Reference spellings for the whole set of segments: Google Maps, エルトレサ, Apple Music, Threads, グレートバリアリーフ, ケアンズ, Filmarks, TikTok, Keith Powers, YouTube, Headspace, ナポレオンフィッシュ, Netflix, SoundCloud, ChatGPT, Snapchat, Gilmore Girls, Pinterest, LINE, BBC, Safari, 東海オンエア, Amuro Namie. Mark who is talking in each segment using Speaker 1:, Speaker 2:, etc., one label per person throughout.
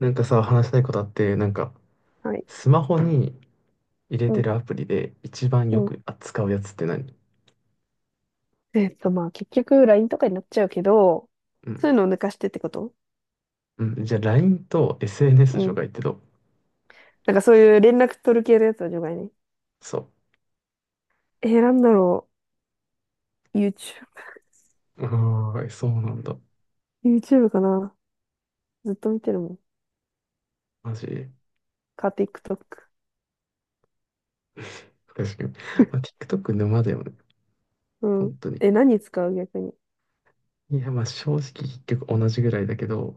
Speaker 1: なんかさ、話したいことあって、
Speaker 2: はい。
Speaker 1: スマホに入れ
Speaker 2: う
Speaker 1: て
Speaker 2: ん、
Speaker 1: るアプリで一番
Speaker 2: う
Speaker 1: よ
Speaker 2: ん。
Speaker 1: く扱うやつって何？
Speaker 2: まあ、結局、LINE とかになっちゃうけど、
Speaker 1: う
Speaker 2: そう
Speaker 1: ん。
Speaker 2: いうのを抜かしてってこと？
Speaker 1: うん。じゃあ、LINE と SNS
Speaker 2: う
Speaker 1: 除
Speaker 2: ん。
Speaker 1: 外ってどう？
Speaker 2: なんかそういう連絡取る系のやつは除外ね。
Speaker 1: そ
Speaker 2: なんだろう。
Speaker 1: う。ああ、そうなんだ。
Speaker 2: YouTube かな。ずっと見てるもん。
Speaker 1: マジ。
Speaker 2: か、TikTok。
Speaker 1: 確かに。まあ、TikTok 沼だよね。
Speaker 2: う
Speaker 1: 本
Speaker 2: ん。
Speaker 1: 当に。
Speaker 2: え、何使う逆に？
Speaker 1: いや、まあ、正直結局同じぐらいだけど、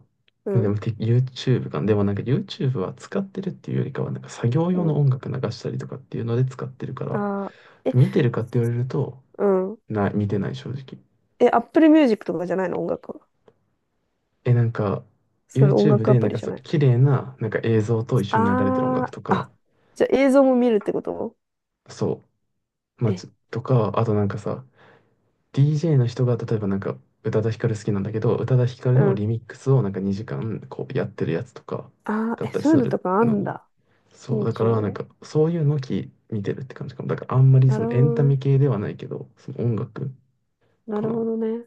Speaker 2: う
Speaker 1: まあで
Speaker 2: ん、
Speaker 1: も、て YouTube か。でもYouTube は使ってるっていうよりかは、作業
Speaker 2: う
Speaker 1: 用の
Speaker 2: ん。
Speaker 1: 音楽流したりとかっていうので使ってるから、
Speaker 2: あー、え、
Speaker 1: 見てるかって言われると、
Speaker 2: うん。
Speaker 1: 見てない正直。
Speaker 2: え、Apple Music とかじゃないの？音楽は。
Speaker 1: え、なんか、
Speaker 2: そういう音
Speaker 1: YouTube
Speaker 2: 楽ア
Speaker 1: で、
Speaker 2: プリじゃ
Speaker 1: そう、
Speaker 2: ない？
Speaker 1: 綺麗な、映像と一緒に流れてる音楽
Speaker 2: あー、
Speaker 1: とか、
Speaker 2: あ、じゃあ映像も見るってこと？
Speaker 1: そう、まあ、
Speaker 2: え、
Speaker 1: つとか、あとなんかさ、DJ の人が、例えば宇多田ヒカル好きなんだけど、宇多田ヒカル
Speaker 2: う
Speaker 1: の
Speaker 2: ん。
Speaker 1: リミックスを2時間、こう、やってるやつとか、
Speaker 2: あ
Speaker 1: だ
Speaker 2: ー、
Speaker 1: っ
Speaker 2: え、
Speaker 1: たり
Speaker 2: そういう
Speaker 1: す
Speaker 2: の
Speaker 1: る
Speaker 2: とかあ
Speaker 1: の
Speaker 2: ん
Speaker 1: ね。
Speaker 2: だ。
Speaker 1: そう、だから、
Speaker 2: YouTube で。
Speaker 1: そういうのき、見てるって感じかも。だから、あんまり
Speaker 2: な
Speaker 1: そ
Speaker 2: る
Speaker 1: の
Speaker 2: ほ
Speaker 1: エン
Speaker 2: ど
Speaker 1: タメ
Speaker 2: ね。
Speaker 1: 系ではないけど、その音楽
Speaker 2: な
Speaker 1: か
Speaker 2: るほ
Speaker 1: な。
Speaker 2: どね。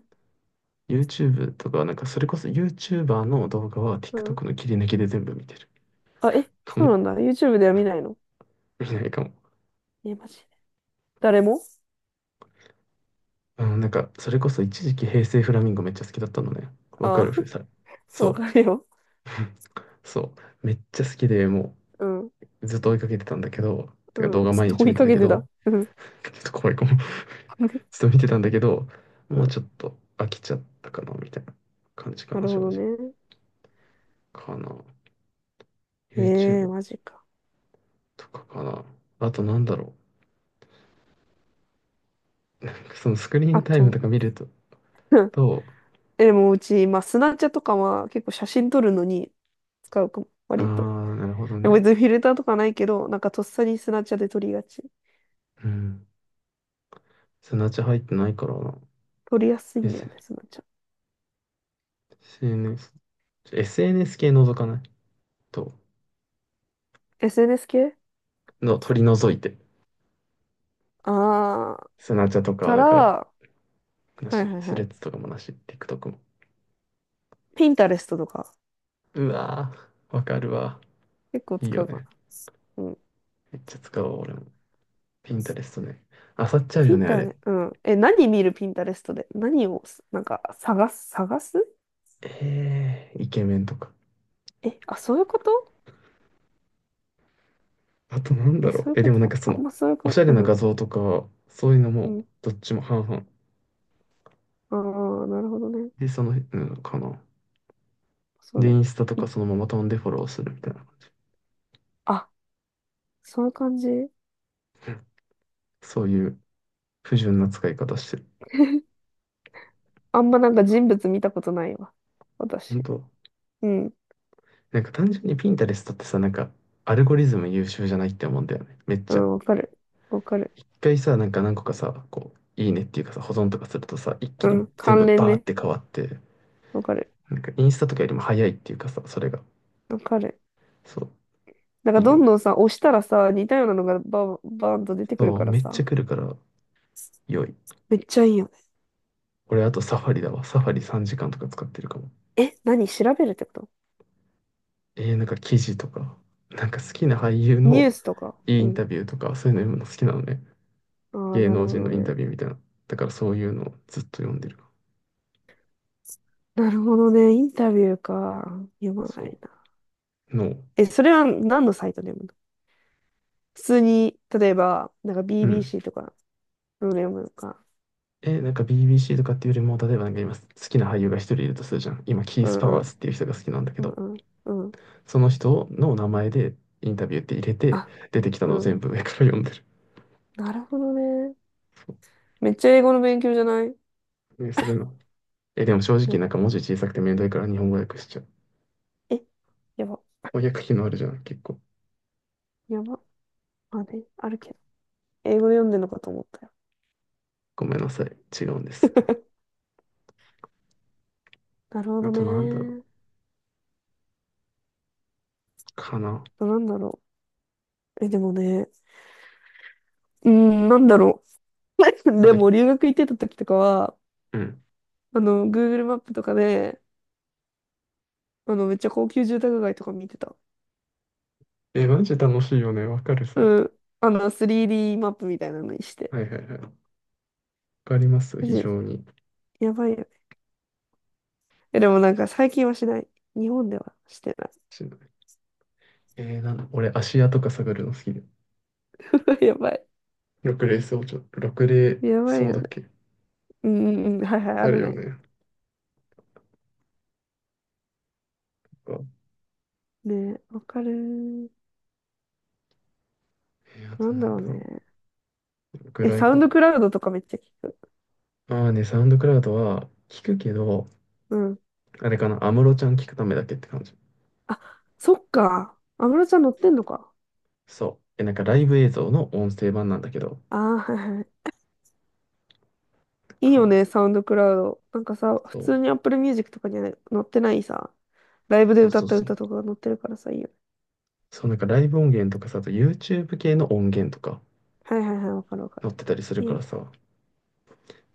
Speaker 1: YouTube とか、なんか、それこそ YouTuber の動画は
Speaker 2: うん。
Speaker 1: TikTok の切り抜きで全部見てる
Speaker 2: あ、え、
Speaker 1: か
Speaker 2: そう
Speaker 1: も。
Speaker 2: なんだ。YouTube では見ないの？
Speaker 1: 見ないかも。
Speaker 2: え、マジで。誰も？
Speaker 1: うん、なんか、それこそ一時期平成フラミンゴめっちゃ好きだったのね。わか
Speaker 2: あ
Speaker 1: る
Speaker 2: あ、
Speaker 1: ふさ。そ
Speaker 2: わ
Speaker 1: う、
Speaker 2: かるよ。
Speaker 1: そう。めっちゃ好きで、も
Speaker 2: うん。
Speaker 1: うずっと追いかけてたんだけど、てか
Speaker 2: う
Speaker 1: 動
Speaker 2: ん。
Speaker 1: 画
Speaker 2: ちょ
Speaker 1: 毎
Speaker 2: っと
Speaker 1: 日
Speaker 2: 追い
Speaker 1: 見て
Speaker 2: か
Speaker 1: た
Speaker 2: け
Speaker 1: け
Speaker 2: て
Speaker 1: ど、
Speaker 2: た。うん。
Speaker 1: ちょっと怖いかも。ずっと見てたんだけど、
Speaker 2: う
Speaker 1: もう
Speaker 2: ん。
Speaker 1: ちょっと飽きちゃったかな、みたいな感じか
Speaker 2: な
Speaker 1: な、
Speaker 2: るほ
Speaker 1: 正
Speaker 2: ど
Speaker 1: 直。
Speaker 2: ね。
Speaker 1: かな。
Speaker 2: ええ、
Speaker 1: YouTube
Speaker 2: マジか。
Speaker 1: とかかな。あとなんだろう。そのスクリーン
Speaker 2: あと、
Speaker 1: タイム とか見ると、
Speaker 2: うん。
Speaker 1: と、
Speaker 2: え、でもうち、まあ、スナチャとかは結構写真撮るのに使うかも、
Speaker 1: あ
Speaker 2: 割と。
Speaker 1: ー、なるほど
Speaker 2: でも
Speaker 1: ね。
Speaker 2: 別にフィルターとかないけど、なんかとっさにスナチャで撮りがち。
Speaker 1: うん。そのうち入ってないからな。
Speaker 2: 撮りやすい
Speaker 1: え
Speaker 2: んだよ
Speaker 1: せ
Speaker 2: ね、スナチャ。
Speaker 1: SNS。SNS 系覗かないと、
Speaker 2: SNS 系。
Speaker 1: の取り除いて。
Speaker 2: ああ
Speaker 1: スナチャと
Speaker 2: ー、
Speaker 1: かは
Speaker 2: た
Speaker 1: だ
Speaker 2: ら、
Speaker 1: から、
Speaker 2: は
Speaker 1: な
Speaker 2: いはい
Speaker 1: し。ス
Speaker 2: は
Speaker 1: レッズ
Speaker 2: い。
Speaker 1: とかもなし。TikTok も。
Speaker 2: ピンタレストとか。
Speaker 1: うわー、わかるわ。
Speaker 2: 結構
Speaker 1: いい
Speaker 2: 使
Speaker 1: よ
Speaker 2: うか
Speaker 1: ね。
Speaker 2: な。うん。
Speaker 1: めっちゃ使おうわ、俺も。ピンタレストね。あさっちゃう
Speaker 2: ピ
Speaker 1: よ
Speaker 2: ン
Speaker 1: ね、あ
Speaker 2: タ
Speaker 1: れ。
Speaker 2: ね、うん。え、何見るピンタレストで？何をす、なんか、探す、探す？
Speaker 1: えー、イケメンとか。
Speaker 2: え、あ、そういうこと？
Speaker 1: あとなんだ
Speaker 2: え、
Speaker 1: ろ
Speaker 2: そ
Speaker 1: う。
Speaker 2: ういう
Speaker 1: え、で
Speaker 2: こ
Speaker 1: もなんか
Speaker 2: と、
Speaker 1: そ
Speaker 2: あん
Speaker 1: の、
Speaker 2: まそういう
Speaker 1: お
Speaker 2: こ
Speaker 1: し
Speaker 2: と、
Speaker 1: ゃれな
Speaker 2: う
Speaker 1: 画
Speaker 2: ん。
Speaker 1: 像とか、そういうの
Speaker 2: う
Speaker 1: も、
Speaker 2: ん。
Speaker 1: どっちも半々。
Speaker 2: ああ、なるほどね。
Speaker 1: で、その、うんかな。
Speaker 2: そう
Speaker 1: で、
Speaker 2: だ
Speaker 1: イ
Speaker 2: ね。
Speaker 1: ンスタと
Speaker 2: い、
Speaker 1: かそのまま飛んでフォローするみたいな感じ。
Speaker 2: あ、そういう感じ。
Speaker 1: そういう不純な使い方してる。
Speaker 2: あんまなんか人物見たことないわ。
Speaker 1: 本
Speaker 2: 私。
Speaker 1: 当。
Speaker 2: うん。
Speaker 1: 単純にピンタレストってさ、アルゴリズム優秀じゃないって思うんだよね。めっ
Speaker 2: う
Speaker 1: ちゃ。
Speaker 2: ん、わかる。わかる。
Speaker 1: 一回さ、何個かさ、こう、いいねっていうかさ、保存とかするとさ、一気
Speaker 2: う
Speaker 1: に
Speaker 2: ん。
Speaker 1: 全部
Speaker 2: 関連
Speaker 1: バーっ
Speaker 2: ね。
Speaker 1: て変わって、
Speaker 2: わかる。
Speaker 1: インスタとかよりも早いっていうかさ、それが。
Speaker 2: わかる。
Speaker 1: そう、
Speaker 2: なんか
Speaker 1: いい
Speaker 2: ど
Speaker 1: よ。
Speaker 2: んどんさ、押したらさ、似たようなのがバーン、バーンと出てくる
Speaker 1: そう、
Speaker 2: から
Speaker 1: めっちゃ
Speaker 2: さ、
Speaker 1: 来るから良い。
Speaker 2: めっちゃいいよね。
Speaker 1: 俺あとサファリだわ。サファリ3時間とか使ってるかも。
Speaker 2: え、何調べるってこと？
Speaker 1: なんか記事とか、なんか好きな俳優
Speaker 2: ニュー
Speaker 1: の
Speaker 2: スとか。
Speaker 1: いいイ
Speaker 2: う
Speaker 1: ン
Speaker 2: ん。
Speaker 1: タビューとか、そういうの読むの好きなのね。
Speaker 2: ああ、
Speaker 1: 芸
Speaker 2: なる
Speaker 1: 能
Speaker 2: ほ
Speaker 1: 人
Speaker 2: ど
Speaker 1: のインタ
Speaker 2: ね。
Speaker 1: ビューみたいな。だからそういうのをずっと読んでる。
Speaker 2: なるほどね。インタビューか。読まない
Speaker 1: そ
Speaker 2: な。
Speaker 1: う。の
Speaker 2: え、それは何のサイトで読むの？普通に、例えば、なんか
Speaker 1: うん。
Speaker 2: BBC とか、うん、読むのか。
Speaker 1: え、なんか BBC とかっていうよりも、例えばなんか今好きな俳優が一人いるとするじゃん。今、キー
Speaker 2: う
Speaker 1: ス・パ
Speaker 2: んう
Speaker 1: ワー
Speaker 2: ん、
Speaker 1: ズっていう人が好きなんだけ
Speaker 2: うん
Speaker 1: ど、
Speaker 2: うん、うん。
Speaker 1: その人の名前でインタビューって入れて、
Speaker 2: あ、
Speaker 1: 出てきた
Speaker 2: う
Speaker 1: のを
Speaker 2: ん。
Speaker 1: 全部上から読んでる。
Speaker 2: なるほどね。
Speaker 1: そ
Speaker 2: めっちゃ英語の勉強じゃない？
Speaker 1: う。ね、それの。え、でも正直
Speaker 2: ね、
Speaker 1: なんか文字小さくてめんどいから日本語訳しちゃう。
Speaker 2: え、やば、
Speaker 1: 翻訳機能あるじゃん、結構。
Speaker 2: やば。あれ、あるけど。英語で読んでるのかと思ったよ。
Speaker 1: ごめんなさい。違うんです。
Speaker 2: なるほ
Speaker 1: あ
Speaker 2: ど
Speaker 1: となんだろ
Speaker 2: ね。
Speaker 1: う。かな。
Speaker 2: なんだろう。え、でもね。うん、なんだろう。
Speaker 1: あ
Speaker 2: で
Speaker 1: と、
Speaker 2: も、留学行ってた時とかは、
Speaker 1: うん。
Speaker 2: あの、Google マップとかで、あの、めっちゃ高級住宅街とか見てた。
Speaker 1: え、マジ楽しいよね。わかる、それ。
Speaker 2: うん。あの、3D マップみたいなのにして。
Speaker 1: はいはいはい。わかります、
Speaker 2: マ
Speaker 1: 非
Speaker 2: ジ、
Speaker 1: 常に。
Speaker 2: やばいよね。え、でもなんか最近はしない。日本ではしてな
Speaker 1: しえー、なんだ、俺、芦屋とか探るの好きです。
Speaker 2: い。やばい。
Speaker 1: 6レーをちょっと、ろく例
Speaker 2: やばい
Speaker 1: そう
Speaker 2: よ
Speaker 1: だ
Speaker 2: ね。
Speaker 1: っけ？
Speaker 2: うんうんうん。はいはい、あ
Speaker 1: ある
Speaker 2: る
Speaker 1: よ
Speaker 2: ね。
Speaker 1: ね。か
Speaker 2: ねえ、わかるー。
Speaker 1: あ
Speaker 2: な
Speaker 1: と
Speaker 2: ん
Speaker 1: な
Speaker 2: だ
Speaker 1: ん
Speaker 2: ろう
Speaker 1: だろ
Speaker 2: ね。
Speaker 1: う。ぐ
Speaker 2: え、
Speaker 1: らい
Speaker 2: サウ
Speaker 1: か
Speaker 2: ン
Speaker 1: な。
Speaker 2: ドクラウドとかめっちゃ聞く？
Speaker 1: ああね、サウンドクラウドは聞くけど、
Speaker 2: うん。
Speaker 1: あれかな、安室ちゃん聞くためだけって感じ。
Speaker 2: あ、そっか。安室ちゃん乗ってんのか。
Speaker 1: そう。え、なんかライブ映像の音声版なんだけど、
Speaker 2: ああー、はいはい。いい
Speaker 1: か
Speaker 2: よ
Speaker 1: な。
Speaker 2: ね、サウンドクラウド。なんかさ、普
Speaker 1: そ
Speaker 2: 通に Apple Music とかにはね載ってないさ、ライ
Speaker 1: う。
Speaker 2: ブで
Speaker 1: そう
Speaker 2: 歌
Speaker 1: そ
Speaker 2: っ
Speaker 1: う
Speaker 2: た
Speaker 1: そ
Speaker 2: 歌
Speaker 1: う。
Speaker 2: とかが載ってるからさ、いいよね。
Speaker 1: そう、なんかライブ音源とかさ、あと YouTube 系の音源とか
Speaker 2: はいはいはい、わかるわかる。
Speaker 1: 載ってたりする
Speaker 2: いい
Speaker 1: か
Speaker 2: よ
Speaker 1: ら
Speaker 2: ね。
Speaker 1: さ、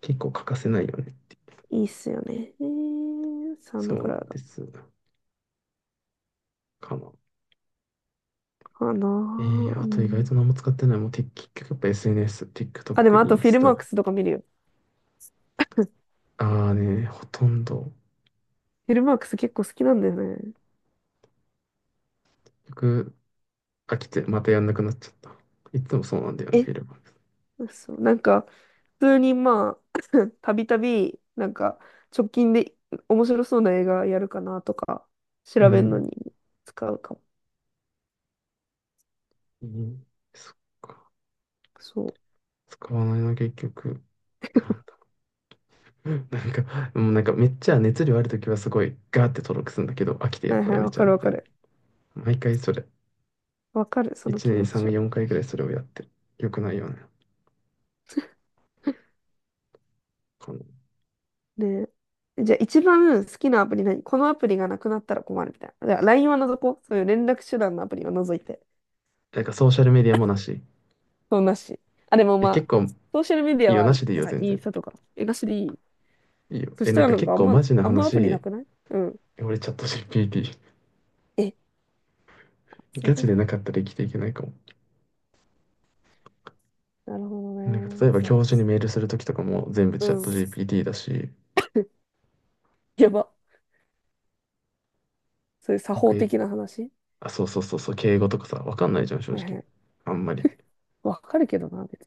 Speaker 1: 結構欠かせないよね。
Speaker 2: いいっすよね。サウン
Speaker 1: そ
Speaker 2: ド
Speaker 1: う
Speaker 2: ク
Speaker 1: な
Speaker 2: ラウ
Speaker 1: ん
Speaker 2: ド
Speaker 1: です。かな。
Speaker 2: かな
Speaker 1: え
Speaker 2: ー。
Speaker 1: ー、
Speaker 2: う
Speaker 1: あと意外
Speaker 2: ん。
Speaker 1: と何も使ってない。もうて結局やっぱ SNS、
Speaker 2: あ、で
Speaker 1: TikTok、
Speaker 2: もあ
Speaker 1: イ
Speaker 2: と
Speaker 1: ン
Speaker 2: フィ
Speaker 1: ス
Speaker 2: ルマーク
Speaker 1: タ。
Speaker 2: スとか見るよ。
Speaker 1: ああね、ほとんど、
Speaker 2: フィルマークス結構好きなんだよね。
Speaker 1: 結局飽きてまたやんなくなっちゃった。いつもそうなんだよね、
Speaker 2: え、
Speaker 1: フィルム。
Speaker 2: そう、なんか、普通にまあ、たびたび、なんか、直近で面白そうな映画やるかなとか、調
Speaker 1: う
Speaker 2: べるの
Speaker 1: ん。
Speaker 2: に使うかも。
Speaker 1: うん。そっか。
Speaker 2: そ
Speaker 1: 使わないな、結局。なんだ。なんか、もうなんかめっちゃ熱量あるときはすごいガーって登録するんだけど、飽きて
Speaker 2: う。
Speaker 1: やっ
Speaker 2: はい
Speaker 1: ぱ
Speaker 2: は
Speaker 1: や
Speaker 2: い、
Speaker 1: め
Speaker 2: わ
Speaker 1: ちゃ
Speaker 2: か
Speaker 1: う
Speaker 2: る
Speaker 1: み
Speaker 2: わ
Speaker 1: たい
Speaker 2: か
Speaker 1: な。
Speaker 2: る。
Speaker 1: 毎回それ。
Speaker 2: わかる、その
Speaker 1: 1
Speaker 2: 気
Speaker 1: 年に
Speaker 2: 持ち
Speaker 1: 3、
Speaker 2: は。
Speaker 1: 4回ぐらいそれをやってる。よくないよね。この。
Speaker 2: ね、じゃあ一番好きなアプリ何？このアプリがなくなったら困るみたいな。じゃあ LINE は除こう。そういう連絡手段のアプリは除いて。
Speaker 1: ソーシャルメディアもなし。
Speaker 2: そう、なし。あ、でも
Speaker 1: え、
Speaker 2: ま
Speaker 1: 結
Speaker 2: あ、
Speaker 1: 構い
Speaker 2: ソーシャルメディ
Speaker 1: い
Speaker 2: アは
Speaker 1: よ、
Speaker 2: あ
Speaker 1: な
Speaker 2: り。
Speaker 1: しでいい
Speaker 2: だ
Speaker 1: よ、
Speaker 2: から
Speaker 1: 全
Speaker 2: イン
Speaker 1: 然。
Speaker 2: スタとか。え、なしでいい？
Speaker 1: いいよ。
Speaker 2: そ
Speaker 1: え、
Speaker 2: した
Speaker 1: なん
Speaker 2: ら
Speaker 1: か
Speaker 2: なんか
Speaker 1: 結
Speaker 2: あん
Speaker 1: 構
Speaker 2: ま、
Speaker 1: マジな
Speaker 2: アプリな
Speaker 1: 話、
Speaker 2: くない？うん。
Speaker 1: 俺チャット GPT。
Speaker 2: え、そうい
Speaker 1: ガ
Speaker 2: うこ
Speaker 1: チ
Speaker 2: と？
Speaker 1: でなかったら生きていけないかも。
Speaker 2: なるほど
Speaker 1: なんか
Speaker 2: ね。
Speaker 1: 例えば
Speaker 2: いや、
Speaker 1: 教授にメールするときとかも全部
Speaker 2: う
Speaker 1: チャット
Speaker 2: ん。
Speaker 1: GPT だし、
Speaker 2: やば。そういう作
Speaker 1: なん
Speaker 2: 法
Speaker 1: かい、
Speaker 2: 的な話？
Speaker 1: あ、そうそうそうそう、敬語とかさ、わかんないじゃん、正
Speaker 2: はいは
Speaker 1: 直。
Speaker 2: い。
Speaker 1: あんまり。
Speaker 2: わかるけどな、別に。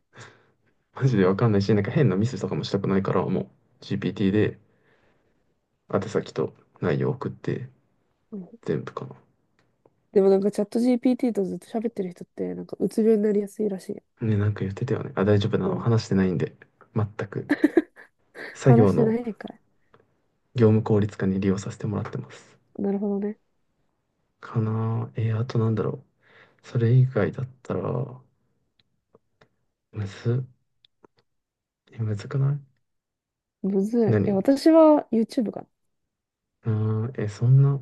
Speaker 1: マジでわかんないし、なんか変なミスとかもしたくないから、もう GPT で宛先と内容送って、
Speaker 2: うん。
Speaker 1: 全部かな。
Speaker 2: でもなんかチャット GPT とずっと喋ってる人って、なんかうつ病になりやすいらしい。
Speaker 1: ね、なんか言ってたよね。あ、大丈夫な
Speaker 2: う
Speaker 1: の。
Speaker 2: ん。
Speaker 1: 話してないんで。全く。作
Speaker 2: 話
Speaker 1: 業
Speaker 2: して
Speaker 1: の
Speaker 2: ないんかい。
Speaker 1: 業務効率化に利用させてもらってます。
Speaker 2: なるほどね。
Speaker 1: かなぁ。あとなんだろう。それ以外だったら、むず、え、むずくない？
Speaker 2: むずい。え、
Speaker 1: 何？
Speaker 2: 私は YouTube かな。
Speaker 1: うーん、え、そんな、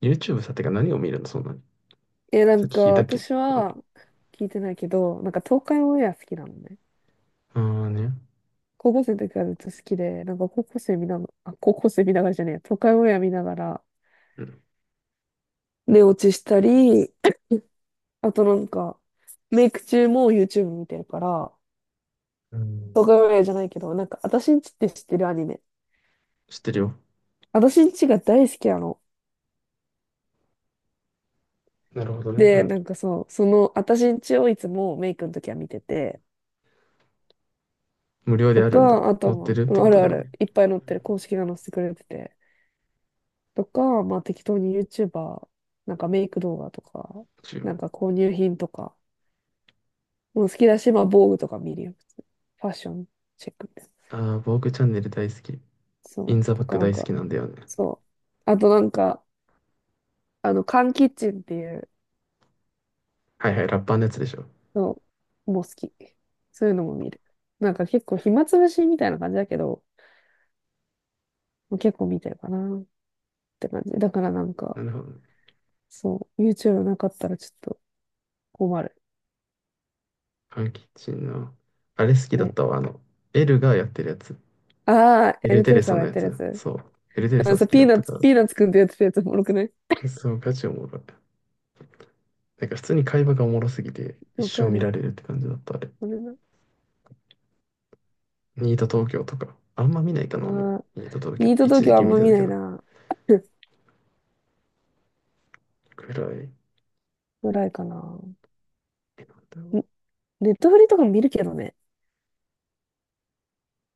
Speaker 1: YouTube さ、てか何を見るのそんなに。
Speaker 2: え、な
Speaker 1: さ
Speaker 2: ん
Speaker 1: っ
Speaker 2: か
Speaker 1: き聞いたっけ？
Speaker 2: 私
Speaker 1: あ、あ
Speaker 2: は聞いてないけど、なんか東海オンエア好きなのね。
Speaker 1: ーね。
Speaker 2: 高校生の時からずっと好きで、なんか高校生見ながらじゃねえや、東海オンエア見ながら
Speaker 1: うん。
Speaker 2: 寝落ちしたり、あとなんかメイク中も YouTube 見てるから、
Speaker 1: うん。
Speaker 2: 東海オンエアじゃないけど、なんか私んちって知ってるアニメ。
Speaker 1: 知ってるよ。
Speaker 2: 私んちが大好きなの。
Speaker 1: なるほどね。う
Speaker 2: で、
Speaker 1: ん。
Speaker 2: なんかそう、その私んちをいつもメイクの時は見てて、
Speaker 1: 無料で
Speaker 2: と
Speaker 1: あるんだ。
Speaker 2: か、あ
Speaker 1: 載っ
Speaker 2: と
Speaker 1: て
Speaker 2: は、
Speaker 1: るっ
Speaker 2: う
Speaker 1: て
Speaker 2: ん、
Speaker 1: こ
Speaker 2: あ
Speaker 1: と
Speaker 2: る
Speaker 1: だ
Speaker 2: あ
Speaker 1: よね。
Speaker 2: る、いっぱい載ってる、公式が載せてくれてて、とか、まあ適当に YouTuber、なんかメイク動画とか、な
Speaker 1: YouTube。
Speaker 2: んか購入品とか、もう好きだし、まあ防具とか見るよ、普通。ファッションチェックみたいな。
Speaker 1: ああ、ボークチャンネル大好き。
Speaker 2: そ
Speaker 1: イ
Speaker 2: う。
Speaker 1: ンザバ
Speaker 2: と
Speaker 1: ッ
Speaker 2: か
Speaker 1: ク
Speaker 2: なん
Speaker 1: 大好き
Speaker 2: か、
Speaker 1: なんだよね。
Speaker 2: そう。あとなんか、あの、缶キッチンっていう
Speaker 1: はいはい、ラッパーのやつでしょ。
Speaker 2: のも好き。そういうのも見る。なんか結構暇つぶしみたいな感じだけど、もう結構見てるかなって感じ。だからなんか、
Speaker 1: なるほどね。
Speaker 2: そう、YouTube なかったらちょっと困る。
Speaker 1: パンキッチンの。あれ好きだっ
Speaker 2: ね。
Speaker 1: たわ。あの、エルがやってるやつ。
Speaker 2: ああ、
Speaker 1: エ
Speaker 2: エ
Speaker 1: ル
Speaker 2: ル
Speaker 1: テ
Speaker 2: ト
Speaker 1: レ
Speaker 2: レ
Speaker 1: サ
Speaker 2: サが
Speaker 1: の
Speaker 2: やっ
Speaker 1: や
Speaker 2: てるや
Speaker 1: つ。
Speaker 2: つ。
Speaker 1: そう。
Speaker 2: う
Speaker 1: エルテレサ
Speaker 2: ん、
Speaker 1: 好
Speaker 2: さ、
Speaker 1: きだったから。
Speaker 2: ピーナッツくんとやってるやつおもろくない？
Speaker 1: そう、ガチおもろい。なんか普通に会話がおもろすぎて、一
Speaker 2: わ
Speaker 1: 生
Speaker 2: か
Speaker 1: 見
Speaker 2: る。
Speaker 1: られるって感じだった、あれ。
Speaker 2: あれな。
Speaker 1: ニート東京とか、あんま見ないかな、も
Speaker 2: ああ、
Speaker 1: う。ニート東京、
Speaker 2: ニート東
Speaker 1: 一時
Speaker 2: 京あ
Speaker 1: 期
Speaker 2: ん
Speaker 1: 見
Speaker 2: ま
Speaker 1: て
Speaker 2: 見
Speaker 1: たけ
Speaker 2: ない
Speaker 1: ど、
Speaker 2: な。
Speaker 1: くらい。
Speaker 2: ぐらいかな。ん、
Speaker 1: え、なんだろう。
Speaker 2: ネットフリとかも見るけどね。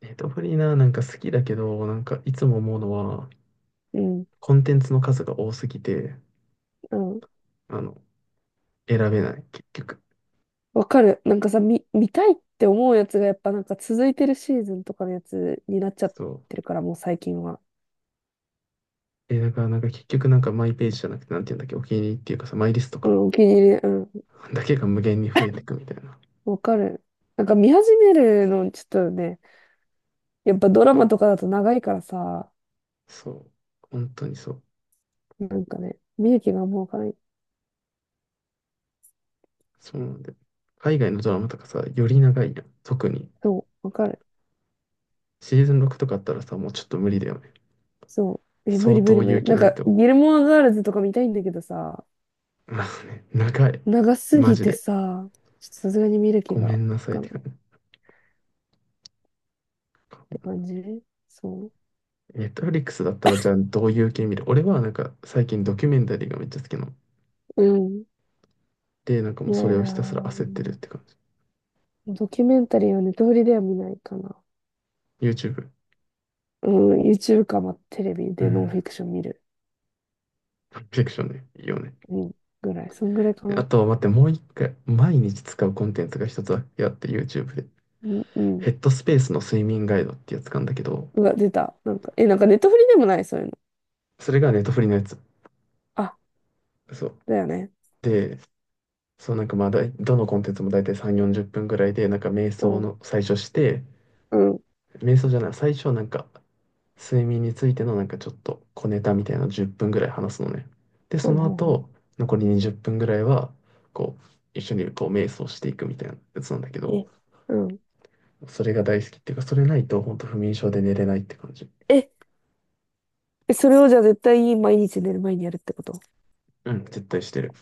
Speaker 1: ネットフリーな、なんか好きだけど、なんかいつも思うのは、
Speaker 2: うん。
Speaker 1: コンテンツの数が多すぎて、
Speaker 2: うん。
Speaker 1: あの、選べない、結局。
Speaker 2: わかる。なんかさ、見たいって思うやつがやっぱなんか続いてるシーズンとかのやつになっちゃっ
Speaker 1: そ
Speaker 2: てるから、もう最近は。
Speaker 1: う。え、だからなんか結局なんかマイページじゃなくて、なんていうんだっけ、お気に入りっていうかさ、マイリスト
Speaker 2: う
Speaker 1: とか、
Speaker 2: ん、お気に入り。うん。
Speaker 1: だけが無限に増えていくみたいな。
Speaker 2: わかる。なんか見始めるの、ちょっとね、やっぱドラ
Speaker 1: そ
Speaker 2: マ
Speaker 1: う。
Speaker 2: とかだと長いからさ、
Speaker 1: そう。本当にそう。
Speaker 2: なんかね、見る気がもうわかない。
Speaker 1: そうなんで。海外のドラマとかさ、より長いやん。特に。
Speaker 2: そう、わかる。
Speaker 1: シーズン6とかあったらさ、もうちょっと無理だよね。
Speaker 2: そう。え、無理
Speaker 1: 相
Speaker 2: 無
Speaker 1: 当
Speaker 2: 理無
Speaker 1: 勇
Speaker 2: 理。
Speaker 1: 気
Speaker 2: なん
Speaker 1: ない
Speaker 2: か、
Speaker 1: と。
Speaker 2: ギルモアガールズとか見たいんだけどさ、
Speaker 1: まあね、長い。
Speaker 2: 長す
Speaker 1: マ
Speaker 2: ぎ
Speaker 1: ジ
Speaker 2: て
Speaker 1: で。
Speaker 2: さ、ちょっとさすがに見る気
Speaker 1: ご
Speaker 2: が
Speaker 1: め
Speaker 2: わ
Speaker 1: んなさいっ
Speaker 2: か
Speaker 1: て
Speaker 2: ない
Speaker 1: 感
Speaker 2: っ
Speaker 1: じ。
Speaker 2: て感じ。そ
Speaker 1: ネットフリックスだったらじゃあどういう系見る？俺はなんか最近ドキュメンタリーがめっちゃ好きなの。
Speaker 2: う。うん。
Speaker 1: で、なんかも
Speaker 2: 見
Speaker 1: うそ
Speaker 2: ない
Speaker 1: れを
Speaker 2: な
Speaker 1: ひたすら焦ってるっ
Speaker 2: ぁ。
Speaker 1: て感じ。
Speaker 2: ドキュメンタリーはネトフリでは見ないかな。
Speaker 1: YouTube。
Speaker 2: うん、YouTube か、まあ、テレビ
Speaker 1: う
Speaker 2: でノンフ
Speaker 1: ん。
Speaker 2: ィクション見る。
Speaker 1: フィクションね。いいよね。
Speaker 2: うん、ぐらい。そんぐらいか
Speaker 1: あ
Speaker 2: な。
Speaker 1: と待って、もう一回、毎日使うコンテンツが一つだけあって YouTube で。
Speaker 2: うん、うん。
Speaker 1: ヘッドスペースの睡眠ガイドってやつなんだけど、
Speaker 2: うわ、出た。なんか、え、なんかネットフリでもない、そういうの。
Speaker 1: それがネットフリのやつ。
Speaker 2: あ、
Speaker 1: そう。
Speaker 2: だよね。
Speaker 1: で、そう、なんかどのコンテンツも大体3、40分ぐらいで、なんか瞑
Speaker 2: う
Speaker 1: 想
Speaker 2: ん、
Speaker 1: の最初して、
Speaker 2: うん。
Speaker 1: 瞑想じゃない、最初はなんか睡眠についてのなんかちょっと小ネタみたいなの10分ぐらい話すのね。で、そ
Speaker 2: はい
Speaker 1: の
Speaker 2: はい
Speaker 1: 後、
Speaker 2: は
Speaker 1: 残り20分ぐらいは、こう、一緒にこう瞑想していくみたいなやつなんだけ
Speaker 2: い。
Speaker 1: ど、
Speaker 2: え、うん。
Speaker 1: それが大好きっていうか、それないと本当不眠症で寝れないって感じ。
Speaker 2: え、え、それをじゃあ絶対毎日寝る前にやるってこと？
Speaker 1: うん、絶対してる。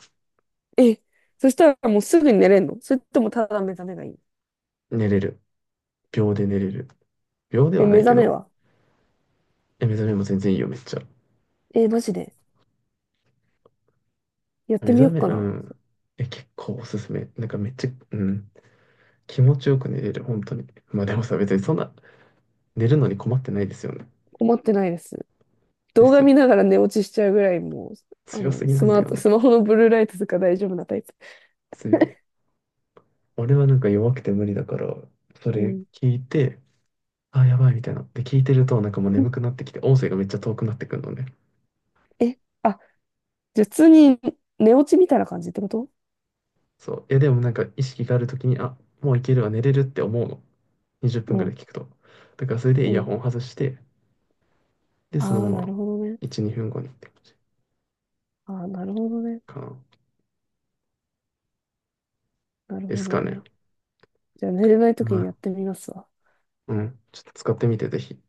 Speaker 2: え、そしたらもうすぐに寝れんの？それともただ目覚めがいい？
Speaker 1: 寝れる。秒で寝れる。秒で
Speaker 2: え、
Speaker 1: はな
Speaker 2: 目
Speaker 1: いけ
Speaker 2: 覚め
Speaker 1: ど、
Speaker 2: は？
Speaker 1: え、目覚めも全然いいよ、めっちゃ。
Speaker 2: え、マジでやっ
Speaker 1: 目
Speaker 2: てみよ
Speaker 1: 覚
Speaker 2: う
Speaker 1: め、
Speaker 2: か
Speaker 1: う
Speaker 2: な。
Speaker 1: ん。え、結構おすすめ。なんかめっちゃ、うん。気持ちよく寝れる、本当に。まあでもさ、別にそんな、寝るのに困ってないですよね。
Speaker 2: 困ってないです。
Speaker 1: で
Speaker 2: 動
Speaker 1: す
Speaker 2: 画
Speaker 1: よ。
Speaker 2: 見ながら寝落ちしちゃうぐらいもう、あ
Speaker 1: 強
Speaker 2: の、
Speaker 1: すぎなんだよ。
Speaker 2: スマホのブルーライトとか大丈夫なタイプ。
Speaker 1: 強。俺はなんか弱くて無理だから、そ
Speaker 2: う
Speaker 1: れ
Speaker 2: ん。
Speaker 1: 聞いて、あ、やばいみたいな。で、聞いてると、なんかもう眠くなってきて、音声がめっちゃ遠くなってくるのね。
Speaker 2: え、あ、じゃあ普通に寝落ちみたいな感じってこと？
Speaker 1: そう。いや、でもなんか意識があるときに、あ、もういけるわ、寝れるって思うの。20分ぐ
Speaker 2: う
Speaker 1: らい
Speaker 2: ん。
Speaker 1: 聞くと。だからそれでイ
Speaker 2: う
Speaker 1: ヤ
Speaker 2: ん。
Speaker 1: ホン外して、で、その
Speaker 2: あ
Speaker 1: ま
Speaker 2: あ、な
Speaker 1: ま
Speaker 2: るほどね。
Speaker 1: 1、2分後にって感じ
Speaker 2: ああ、なるほどね。
Speaker 1: かな。
Speaker 2: なる
Speaker 1: で
Speaker 2: ほ
Speaker 1: す
Speaker 2: ど
Speaker 1: かね。
Speaker 2: ね。じゃあ寝れない時
Speaker 1: ま
Speaker 2: にやっ
Speaker 1: あ、
Speaker 2: てみますわ。
Speaker 1: うん。ちょっと使ってみて、ぜひ。